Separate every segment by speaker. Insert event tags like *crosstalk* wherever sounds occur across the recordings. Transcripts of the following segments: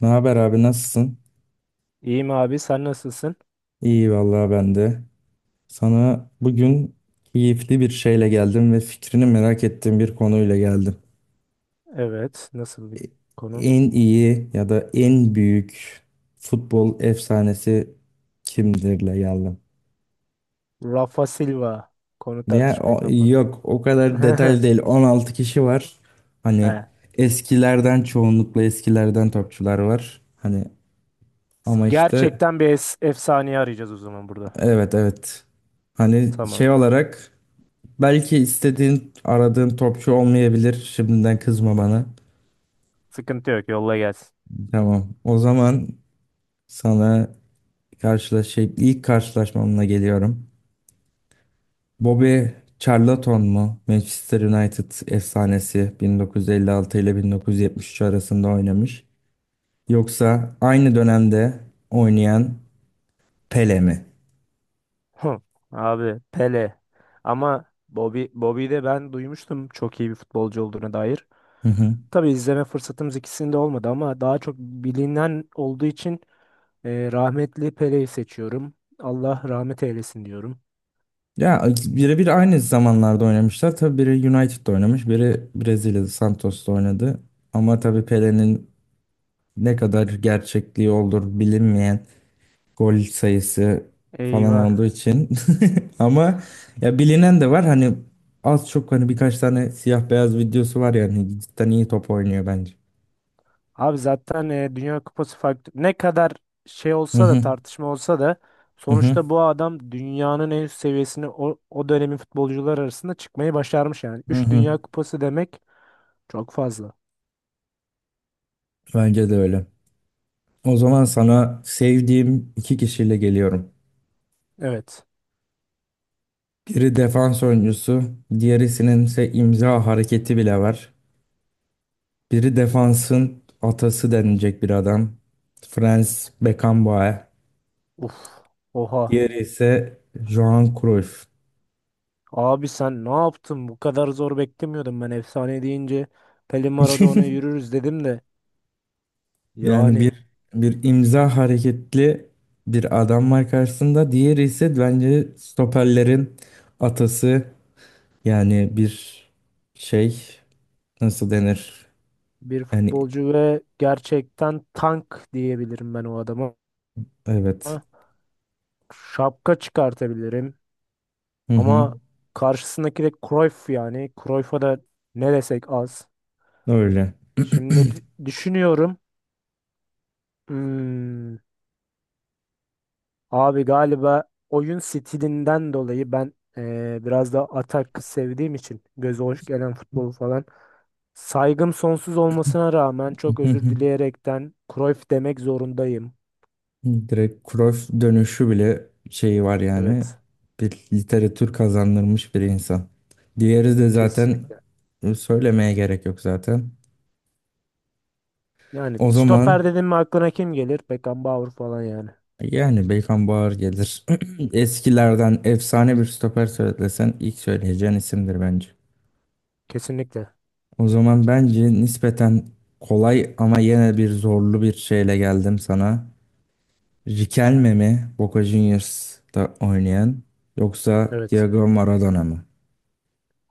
Speaker 1: Ne haber abi nasılsın?
Speaker 2: İyiyim abi sen nasılsın?
Speaker 1: İyi vallahi ben de. Sana bugün keyifli bir şeyle geldim ve fikrini merak ettiğim bir konuyla geldim.
Speaker 2: Evet nasıl bir konu?
Speaker 1: En iyi ya da en büyük futbol efsanesi kimdirle geldim.
Speaker 2: Rafa Silva konu
Speaker 1: Ya
Speaker 2: tartışmaya kapalı.
Speaker 1: yok o kadar detaylı
Speaker 2: *laughs*
Speaker 1: değil. 16 kişi var. Hani
Speaker 2: He.
Speaker 1: eskilerden çoğunlukla eskilerden topçular var. Hani ama işte
Speaker 2: Gerçekten bir efsaneyi arayacağız o zaman burada.
Speaker 1: evet, evet. Hani şey
Speaker 2: Tamam.
Speaker 1: olarak belki istediğin, aradığın topçu olmayabilir. Şimdiden kızma bana.
Speaker 2: Sıkıntı yok, yolla gelsin.
Speaker 1: Tamam. O zaman sana şey, ilk karşılaşmamla geliyorum. Bobby Charlton mu? Manchester United efsanesi 1956 ile 1973 arasında oynamış. Yoksa aynı dönemde oynayan Pele mi?
Speaker 2: Hı. Abi Pele. Ama Bobby, Bobby'yi de ben duymuştum çok iyi bir futbolcu olduğuna dair.
Speaker 1: Hı hı.
Speaker 2: Tabii izleme fırsatımız ikisinde olmadı ama daha çok bilinen olduğu için rahmetli Pele'yi seçiyorum. Allah rahmet eylesin diyorum.
Speaker 1: Ya birebir aynı zamanlarda oynamışlar. Tabii biri United'da oynamış, biri Brezilya'da Santos'ta oynadı. Ama tabii Pele'nin ne kadar gerçekliği olur bilinmeyen gol sayısı falan
Speaker 2: Eyvah.
Speaker 1: olduğu için *laughs* ama ya bilinen de var hani az çok hani birkaç tane siyah beyaz videosu var yani cidden iyi top oynuyor bence.
Speaker 2: Abi zaten Dünya Kupası farklı. Ne kadar şey
Speaker 1: Hı
Speaker 2: olsa da,
Speaker 1: hı,
Speaker 2: tartışma olsa da
Speaker 1: hı hı,
Speaker 2: sonuçta bu adam dünyanın en üst seviyesine o dönemin futbolcular arasında çıkmayı başarmış yani.
Speaker 1: hı
Speaker 2: Üç
Speaker 1: hı.
Speaker 2: Dünya Kupası demek çok fazla.
Speaker 1: Bence de öyle. O zaman sana sevdiğim iki kişiyle geliyorum.
Speaker 2: Evet.
Speaker 1: Biri defans oyuncusu, diğerisinin ise imza hareketi bile var. Biri defansın atası denilecek bir adam. Franz Beckenbauer.
Speaker 2: Uf. Oha.
Speaker 1: Diğeri ise Johan Cruyff.
Speaker 2: Abi sen ne yaptın? Bu kadar zor beklemiyordum ben efsane deyince. Pelé Maradona
Speaker 1: *laughs*
Speaker 2: yürürüz dedim de.
Speaker 1: Yani
Speaker 2: Yani
Speaker 1: bir imza hareketli bir adam var karşısında. Diğeri ise bence stoperlerin atası. Yani bir şey, nasıl denir?
Speaker 2: bir
Speaker 1: Yani
Speaker 2: futbolcu ve gerçekten tank diyebilirim ben o adama.
Speaker 1: evet.
Speaker 2: Şapka çıkartabilirim.
Speaker 1: Hı hı.
Speaker 2: Ama karşısındaki de Cruyff yani. Cruyff'a da ne desek az.
Speaker 1: Öyle.
Speaker 2: Şimdi düşünüyorum. Hmm, abi galiba oyun stilinden dolayı ben biraz da atak sevdiğim için göze hoş gelen futbolu falan. Saygım sonsuz olmasına rağmen çok
Speaker 1: *laughs* Hı
Speaker 2: özür
Speaker 1: hı.
Speaker 2: dileyerekten Cruyff demek zorundayım.
Speaker 1: Direkt Cruyff dönüşü bile şeyi var yani.
Speaker 2: Evet,
Speaker 1: Bir literatür kazandırmış bir insan. Diğeri de zaten
Speaker 2: kesinlikle.
Speaker 1: söylemeye gerek yok zaten.
Speaker 2: Yani
Speaker 1: O zaman
Speaker 2: stoper dedim mi aklına kim gelir? Beckenbauer falan yani.
Speaker 1: yani Beykan Bağır gelir. *clears throat* Eskilerden efsane bir stoper söylesen ilk söyleyeceğin isimdir bence.
Speaker 2: Kesinlikle.
Speaker 1: O zaman bence nispeten kolay ama yine bir zorlu bir şeyle geldim sana. Riquelme mi Boca Juniors'ta oynayan yoksa
Speaker 2: Evet.
Speaker 1: Diego Maradona mı?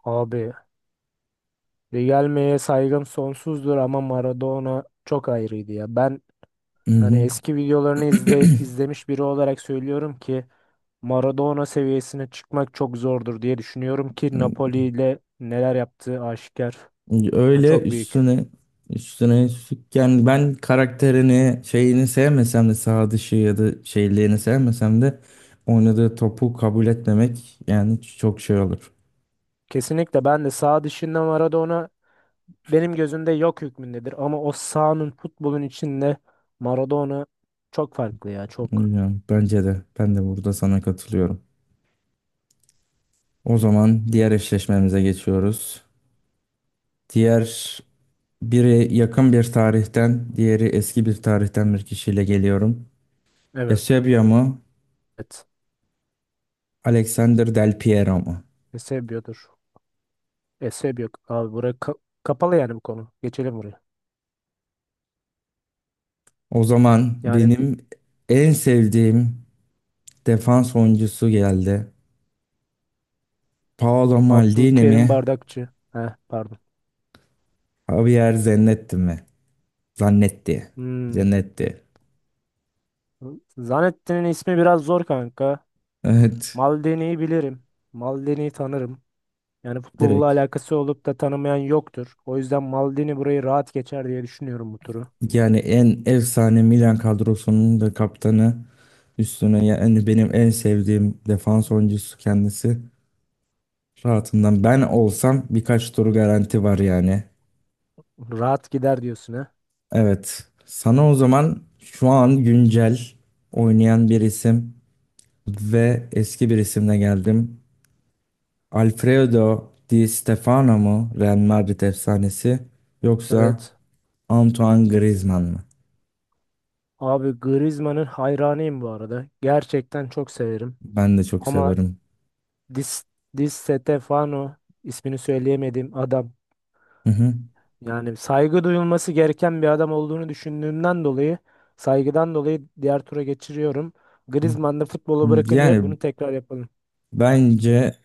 Speaker 2: Abi Riquelme'ye saygım sonsuzdur ama Maradona çok ayrıydı ya. Ben hani
Speaker 1: Hı
Speaker 2: eski videolarını izlemiş biri olarak söylüyorum ki Maradona seviyesine çıkmak çok zordur diye düşünüyorum ki
Speaker 1: hı.
Speaker 2: Napoli ile neler yaptığı aşikar. Yani
Speaker 1: Öyle
Speaker 2: çok büyük.
Speaker 1: üstüne üstlük yani ben karakterini şeyini sevmesem de sağ dışı ya da şeyliğini sevmesem de oynadığı topu kabul etmemek yani çok şey olur.
Speaker 2: Kesinlikle ben de sağ dışında Maradona benim gözümde yok hükmündedir ama o sahanın, futbolun içinde Maradona çok farklı ya, çok.
Speaker 1: Bilmiyorum, bence de ben de burada sana katılıyorum. O zaman diğer eşleşmemize geçiyoruz. Diğer biri yakın bir tarihten, diğeri eski bir tarihten bir kişiyle geliyorum. Eusebio mu,
Speaker 2: Evet.
Speaker 1: Alexander Del Piero mu?
Speaker 2: Ne seviyordur. E, sebep yok. Abi buraya kapalı yani bu konu. Geçelim buraya.
Speaker 1: O zaman
Speaker 2: Yani
Speaker 1: benim en sevdiğim defans oyuncusu geldi. Paolo Maldini mi?
Speaker 2: Abdülkerim Bardakçı. Heh, pardon.
Speaker 1: Javier Zanetti mi? Zanetti.
Speaker 2: Hmm.
Speaker 1: Zanetti.
Speaker 2: Zanettin'in ismi biraz zor kanka.
Speaker 1: Evet.
Speaker 2: Maldini'yi bilirim. Maldini'yi tanırım. Yani futbolla
Speaker 1: Direkt.
Speaker 2: alakası olup da tanımayan yoktur. O yüzden Maldini burayı rahat geçer diye düşünüyorum bu turu.
Speaker 1: Yani en efsane Milan kadrosunun da kaptanı, üstüne yani benim en sevdiğim defans oyuncusu kendisi. Rahatından ben olsam birkaç tur garanti var yani.
Speaker 2: Rahat gider diyorsun ha.
Speaker 1: Evet. Sana o zaman şu an güncel oynayan bir isim ve eski bir isimle geldim. Alfredo Di Stefano mu Real Madrid efsanesi yoksa
Speaker 2: Evet.
Speaker 1: Antoine Griezmann mı?
Speaker 2: Abi Griezmann'ın hayranıyım bu arada. Gerçekten çok severim.
Speaker 1: Ben de çok
Speaker 2: Ama
Speaker 1: severim.
Speaker 2: Dis, Di Stefano ismini söyleyemediğim adam.
Speaker 1: Hı hı.
Speaker 2: Yani saygı duyulması gereken bir adam olduğunu düşündüğümden dolayı, saygıdan dolayı diğer tura geçiriyorum. Griezmann da futbolu bırakınca
Speaker 1: Yani
Speaker 2: bunu tekrar yapalım.
Speaker 1: bence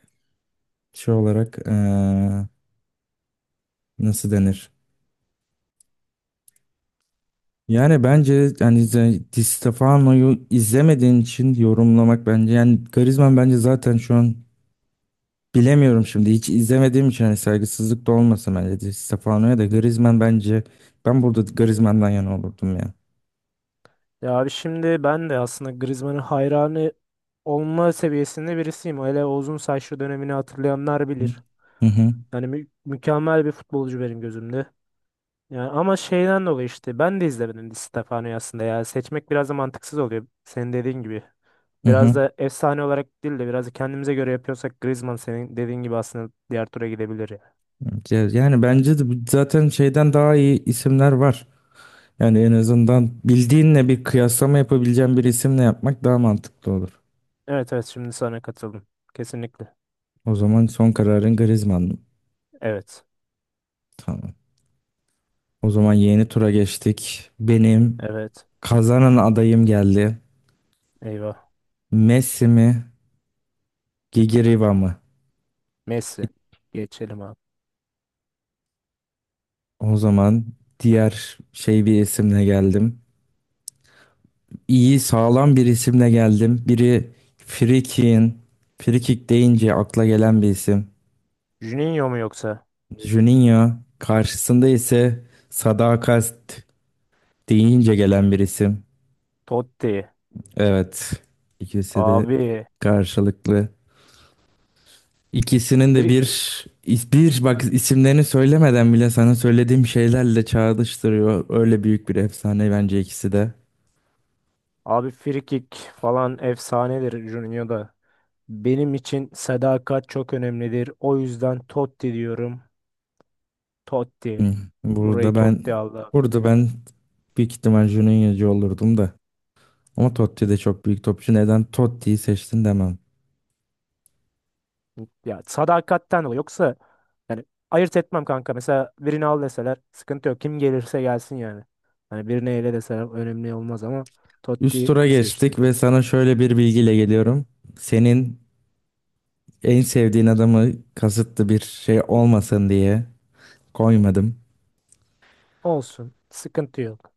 Speaker 1: şey olarak nasıl denir? Yani bence yani Di Stefano'yu izlemediğin için yorumlamak bence, yani Griezmann bence zaten şu an bilemiyorum şimdi hiç izlemediğim için hani saygısızlık da olmasın, bence Di Stefano'ya da Griezmann, bence ben burada Griezmann'dan yana olurdum ya.
Speaker 2: Ya abi, şimdi ben de aslında Griezmann'ın hayranı olma seviyesinde birisiyim. Hele o uzun saçlı dönemini hatırlayanlar bilir.
Speaker 1: Hı hı.
Speaker 2: Yani mükemmel bir futbolcu benim gözümde. Yani ama şeyden dolayı işte ben de izlemedim Di Stefano'yu aslında ya. Seçmek biraz da mantıksız oluyor, senin dediğin gibi.
Speaker 1: Hı
Speaker 2: Biraz
Speaker 1: hı.
Speaker 2: da efsane olarak değil de biraz da kendimize göre yapıyorsak Griezmann, senin dediğin gibi, aslında diğer tura gidebilir ya.
Speaker 1: Evet, yani bence de zaten şeyden daha iyi isimler var. Yani en azından bildiğinle bir kıyaslama yapabileceğin bir isimle yapmak daha mantıklı olur.
Speaker 2: Evet, evet, şimdi sana katıldım. Kesinlikle.
Speaker 1: O zaman son kararın Griezmann.
Speaker 2: Evet.
Speaker 1: Tamam. O zaman yeni tura geçtik. Benim
Speaker 2: Evet.
Speaker 1: kazanan adayım geldi.
Speaker 2: Eyvah.
Speaker 1: Messi mi? Gigiriva mı?
Speaker 2: Messi. Geçelim abi.
Speaker 1: O zaman diğer şey bir isimle geldim. İyi sağlam bir isimle geldim. Biri Free Kick'in. Free Kick deyince akla gelen bir isim.
Speaker 2: Juninho mu yoksa?
Speaker 1: Juninho karşısında ise sadakat deyince gelen bir isim.
Speaker 2: Totti.
Speaker 1: Evet. ikisi de
Speaker 2: Abi.
Speaker 1: karşılıklı. İkisinin de
Speaker 2: Fri-
Speaker 1: bir bir bak, isimlerini söylemeden bile sana söylediğim şeylerle çağrıştırıyor. Öyle büyük bir efsane bence ikisi de.
Speaker 2: abi frikik falan efsanedir Juninho da. Benim için sadakat çok önemlidir. O yüzden Totti diyorum. Totti.
Speaker 1: Hı.
Speaker 2: Burayı
Speaker 1: Burada ben
Speaker 2: Totti aldı.
Speaker 1: burada ben büyük ihtimal Juninho'cu olurdum da. Ama Totti de çok büyük topçu. Neden Totti'yi seçtin demem.
Speaker 2: Ya sadakatten o. Yoksa yani ayırt etmem kanka. Mesela birini al deseler sıkıntı yok. Kim gelirse gelsin yani. Hani birini ele deseler önemli olmaz ama
Speaker 1: Üst
Speaker 2: Totti
Speaker 1: tura geçtik
Speaker 2: seçtim.
Speaker 1: ve sana şöyle bir bilgiyle geliyorum. Senin en sevdiğin adamı kasıtlı bir şey olmasın diye koymadım.
Speaker 2: Olsun. Sıkıntı yok.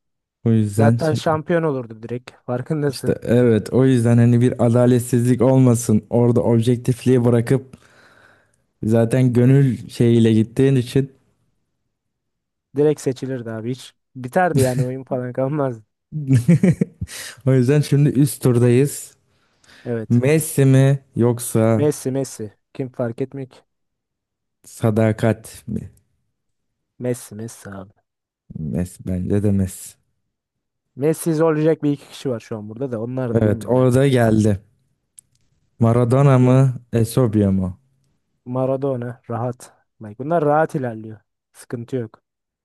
Speaker 1: O yüzden
Speaker 2: Zaten şampiyon olurdu direkt. *laughs*
Speaker 1: işte
Speaker 2: Farkındasın.
Speaker 1: evet, o yüzden hani bir adaletsizlik olmasın. Orada objektifliği bırakıp zaten gönül şeyiyle gittiğin için.
Speaker 2: Direkt seçilirdi abi. Hiç biterdi yani, oyun falan kalmazdı.
Speaker 1: *laughs* O yüzden şimdi üst turdayız.
Speaker 2: Evet.
Speaker 1: Messi mi yoksa
Speaker 2: Messi, Messi. Kim fark etmek?
Speaker 1: sadakat mi?
Speaker 2: Messi, Messi abi.
Speaker 1: Messi, bence de Messi.
Speaker 2: Messi zorlayacak bir iki kişi var şu an burada da. Onlar da
Speaker 1: Evet,
Speaker 2: bilmiyorum ya.
Speaker 1: orada geldi. Maradona
Speaker 2: Kim?
Speaker 1: mı Eusebio mu?
Speaker 2: Maradona rahat. Bak, bunlar rahat ilerliyor. Sıkıntı yok.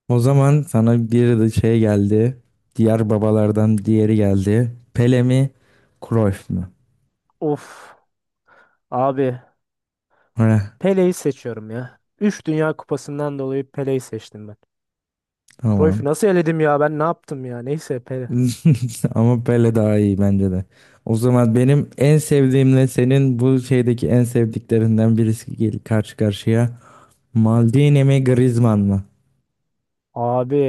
Speaker 1: O zaman sana bir de şey geldi. Diğer babalardan diğeri geldi. Pele mi? Cruyff mu?
Speaker 2: Of abi,
Speaker 1: Heh,
Speaker 2: Pele'yi seçiyorum ya. Üç Dünya Kupası'ndan dolayı Pele'yi seçtim ben.
Speaker 1: tamam.
Speaker 2: Cruyff'u nasıl eledim ya, ben ne yaptım ya, neyse, Pele.
Speaker 1: *laughs* Ama Pele daha iyi bence de. O zaman benim en sevdiğimle senin bu şeydeki en sevdiklerinden birisi gel karşı karşıya. Maldini mi Griezmann mı?
Speaker 2: Abi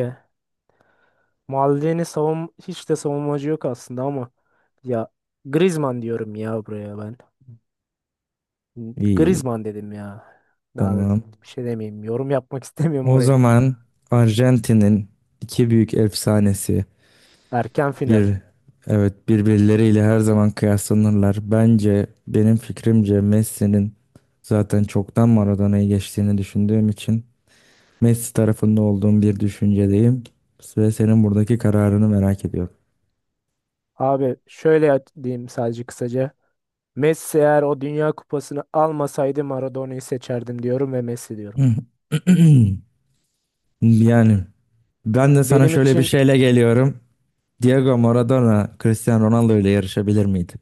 Speaker 2: Maldini hiç de savunmacı yok aslında ama ya, Griezmann diyorum ya buraya ben.
Speaker 1: İyi,
Speaker 2: Griezmann dedim ya. Daha da
Speaker 1: tamam.
Speaker 2: bir şey demeyeyim. Yorum yapmak *laughs* istemiyorum
Speaker 1: O
Speaker 2: buraya.
Speaker 1: zaman Arjantin'in iki büyük efsanesi,
Speaker 2: Erken final.
Speaker 1: bir, evet, birbirleriyle her zaman kıyaslanırlar. Bence benim fikrimce Messi'nin zaten çoktan Maradona'yı geçtiğini düşündüğüm için Messi tarafında olduğum bir düşüncedeyim ve senin buradaki kararını merak ediyorum.
Speaker 2: Abi şöyle diyeyim sadece kısaca. Messi eğer o Dünya Kupası'nı almasaydı Maradona'yı seçerdim diyorum ve Messi diyorum.
Speaker 1: *clears throat* Yani ben de sana
Speaker 2: Benim
Speaker 1: şöyle bir
Speaker 2: için
Speaker 1: şeyle geliyorum. Diego Maradona Cristiano Ronaldo ile yarışabilir miydi?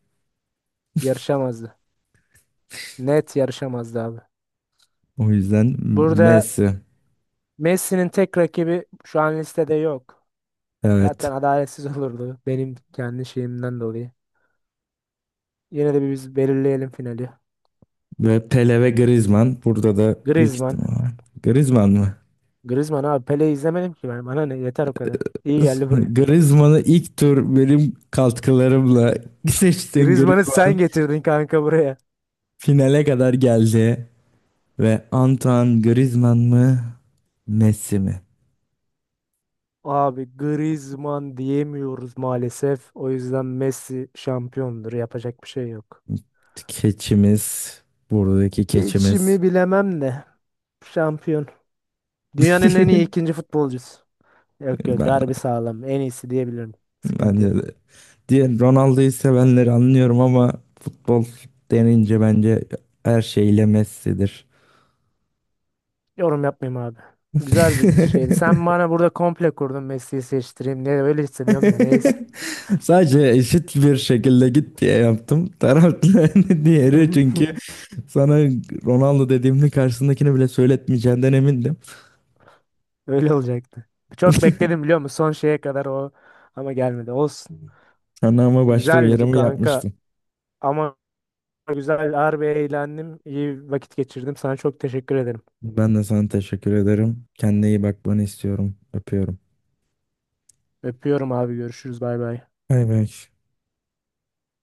Speaker 2: yarışamazdı. Net yarışamazdı abi.
Speaker 1: O yüzden
Speaker 2: Burada
Speaker 1: Messi.
Speaker 2: Messi'nin tek rakibi şu an listede yok. Zaten
Speaker 1: Evet.
Speaker 2: adaletsiz *laughs* olurdu benim kendi şeyimden dolayı. Yine de bir biz belirleyelim finali.
Speaker 1: Ve Pele ve Griezmann. Burada da büyük
Speaker 2: Griezmann.
Speaker 1: ihtimal. Griezmann mı?
Speaker 2: Griezmann abi, Pele'yi izlemedim ki ben. Bana ne, yeter o kadar. İyi geldi buraya.
Speaker 1: Griezmann'ı ilk tur benim katkılarımla *laughs* seçtiğin
Speaker 2: Griezmann'ı sen
Speaker 1: Griezmann
Speaker 2: getirdin kanka buraya.
Speaker 1: finale kadar geldi. Ve Antoine Griezmann mı Messi mi?
Speaker 2: Abi Griezmann diyemiyoruz maalesef. O yüzden Messi şampiyondur. Yapacak bir şey yok.
Speaker 1: Keçimiz, buradaki keçimiz.
Speaker 2: İçimi bilemem de şampiyon. Dünyanın en iyi
Speaker 1: *laughs*
Speaker 2: ikinci futbolcusu. Yok yok, harbi
Speaker 1: Ben,
Speaker 2: sağlam. En iyisi diyebilirim. Sıkıntı
Speaker 1: bence de.
Speaker 2: yok.
Speaker 1: Diğer Ronaldo'yu sevenleri anlıyorum ama futbol denince bence her şeyle Messi'dir.
Speaker 2: Yorum yapmayayım abi. Güzel bir şeydi. Sen bana burada komple kurdun Messi'yi seçtireyim, ne öyle hissediyorum, da neyse.
Speaker 1: *laughs* Sadece eşit bir şekilde git diye yaptım. Taraflı *laughs* diğeri
Speaker 2: *laughs*
Speaker 1: çünkü sana Ronaldo dediğimde karşısındakini bile söyletmeyeceğinden emindim.
Speaker 2: Öyle olacaktı. Çok bekledim biliyor musun? Son şeye kadar o, ama gelmedi. Olsun.
Speaker 1: Sana ama başta
Speaker 2: Güzeldi
Speaker 1: uyarımı
Speaker 2: kanka.
Speaker 1: yapmıştım.
Speaker 2: Ama güzel, harbi eğlendim. İyi vakit geçirdim. Sana çok teşekkür ederim.
Speaker 1: Ben de sana teşekkür ederim. Kendine iyi bakmanı istiyorum. Öpüyorum.
Speaker 2: Öpüyorum abi. Görüşürüz. Bay bay.
Speaker 1: Bay bay.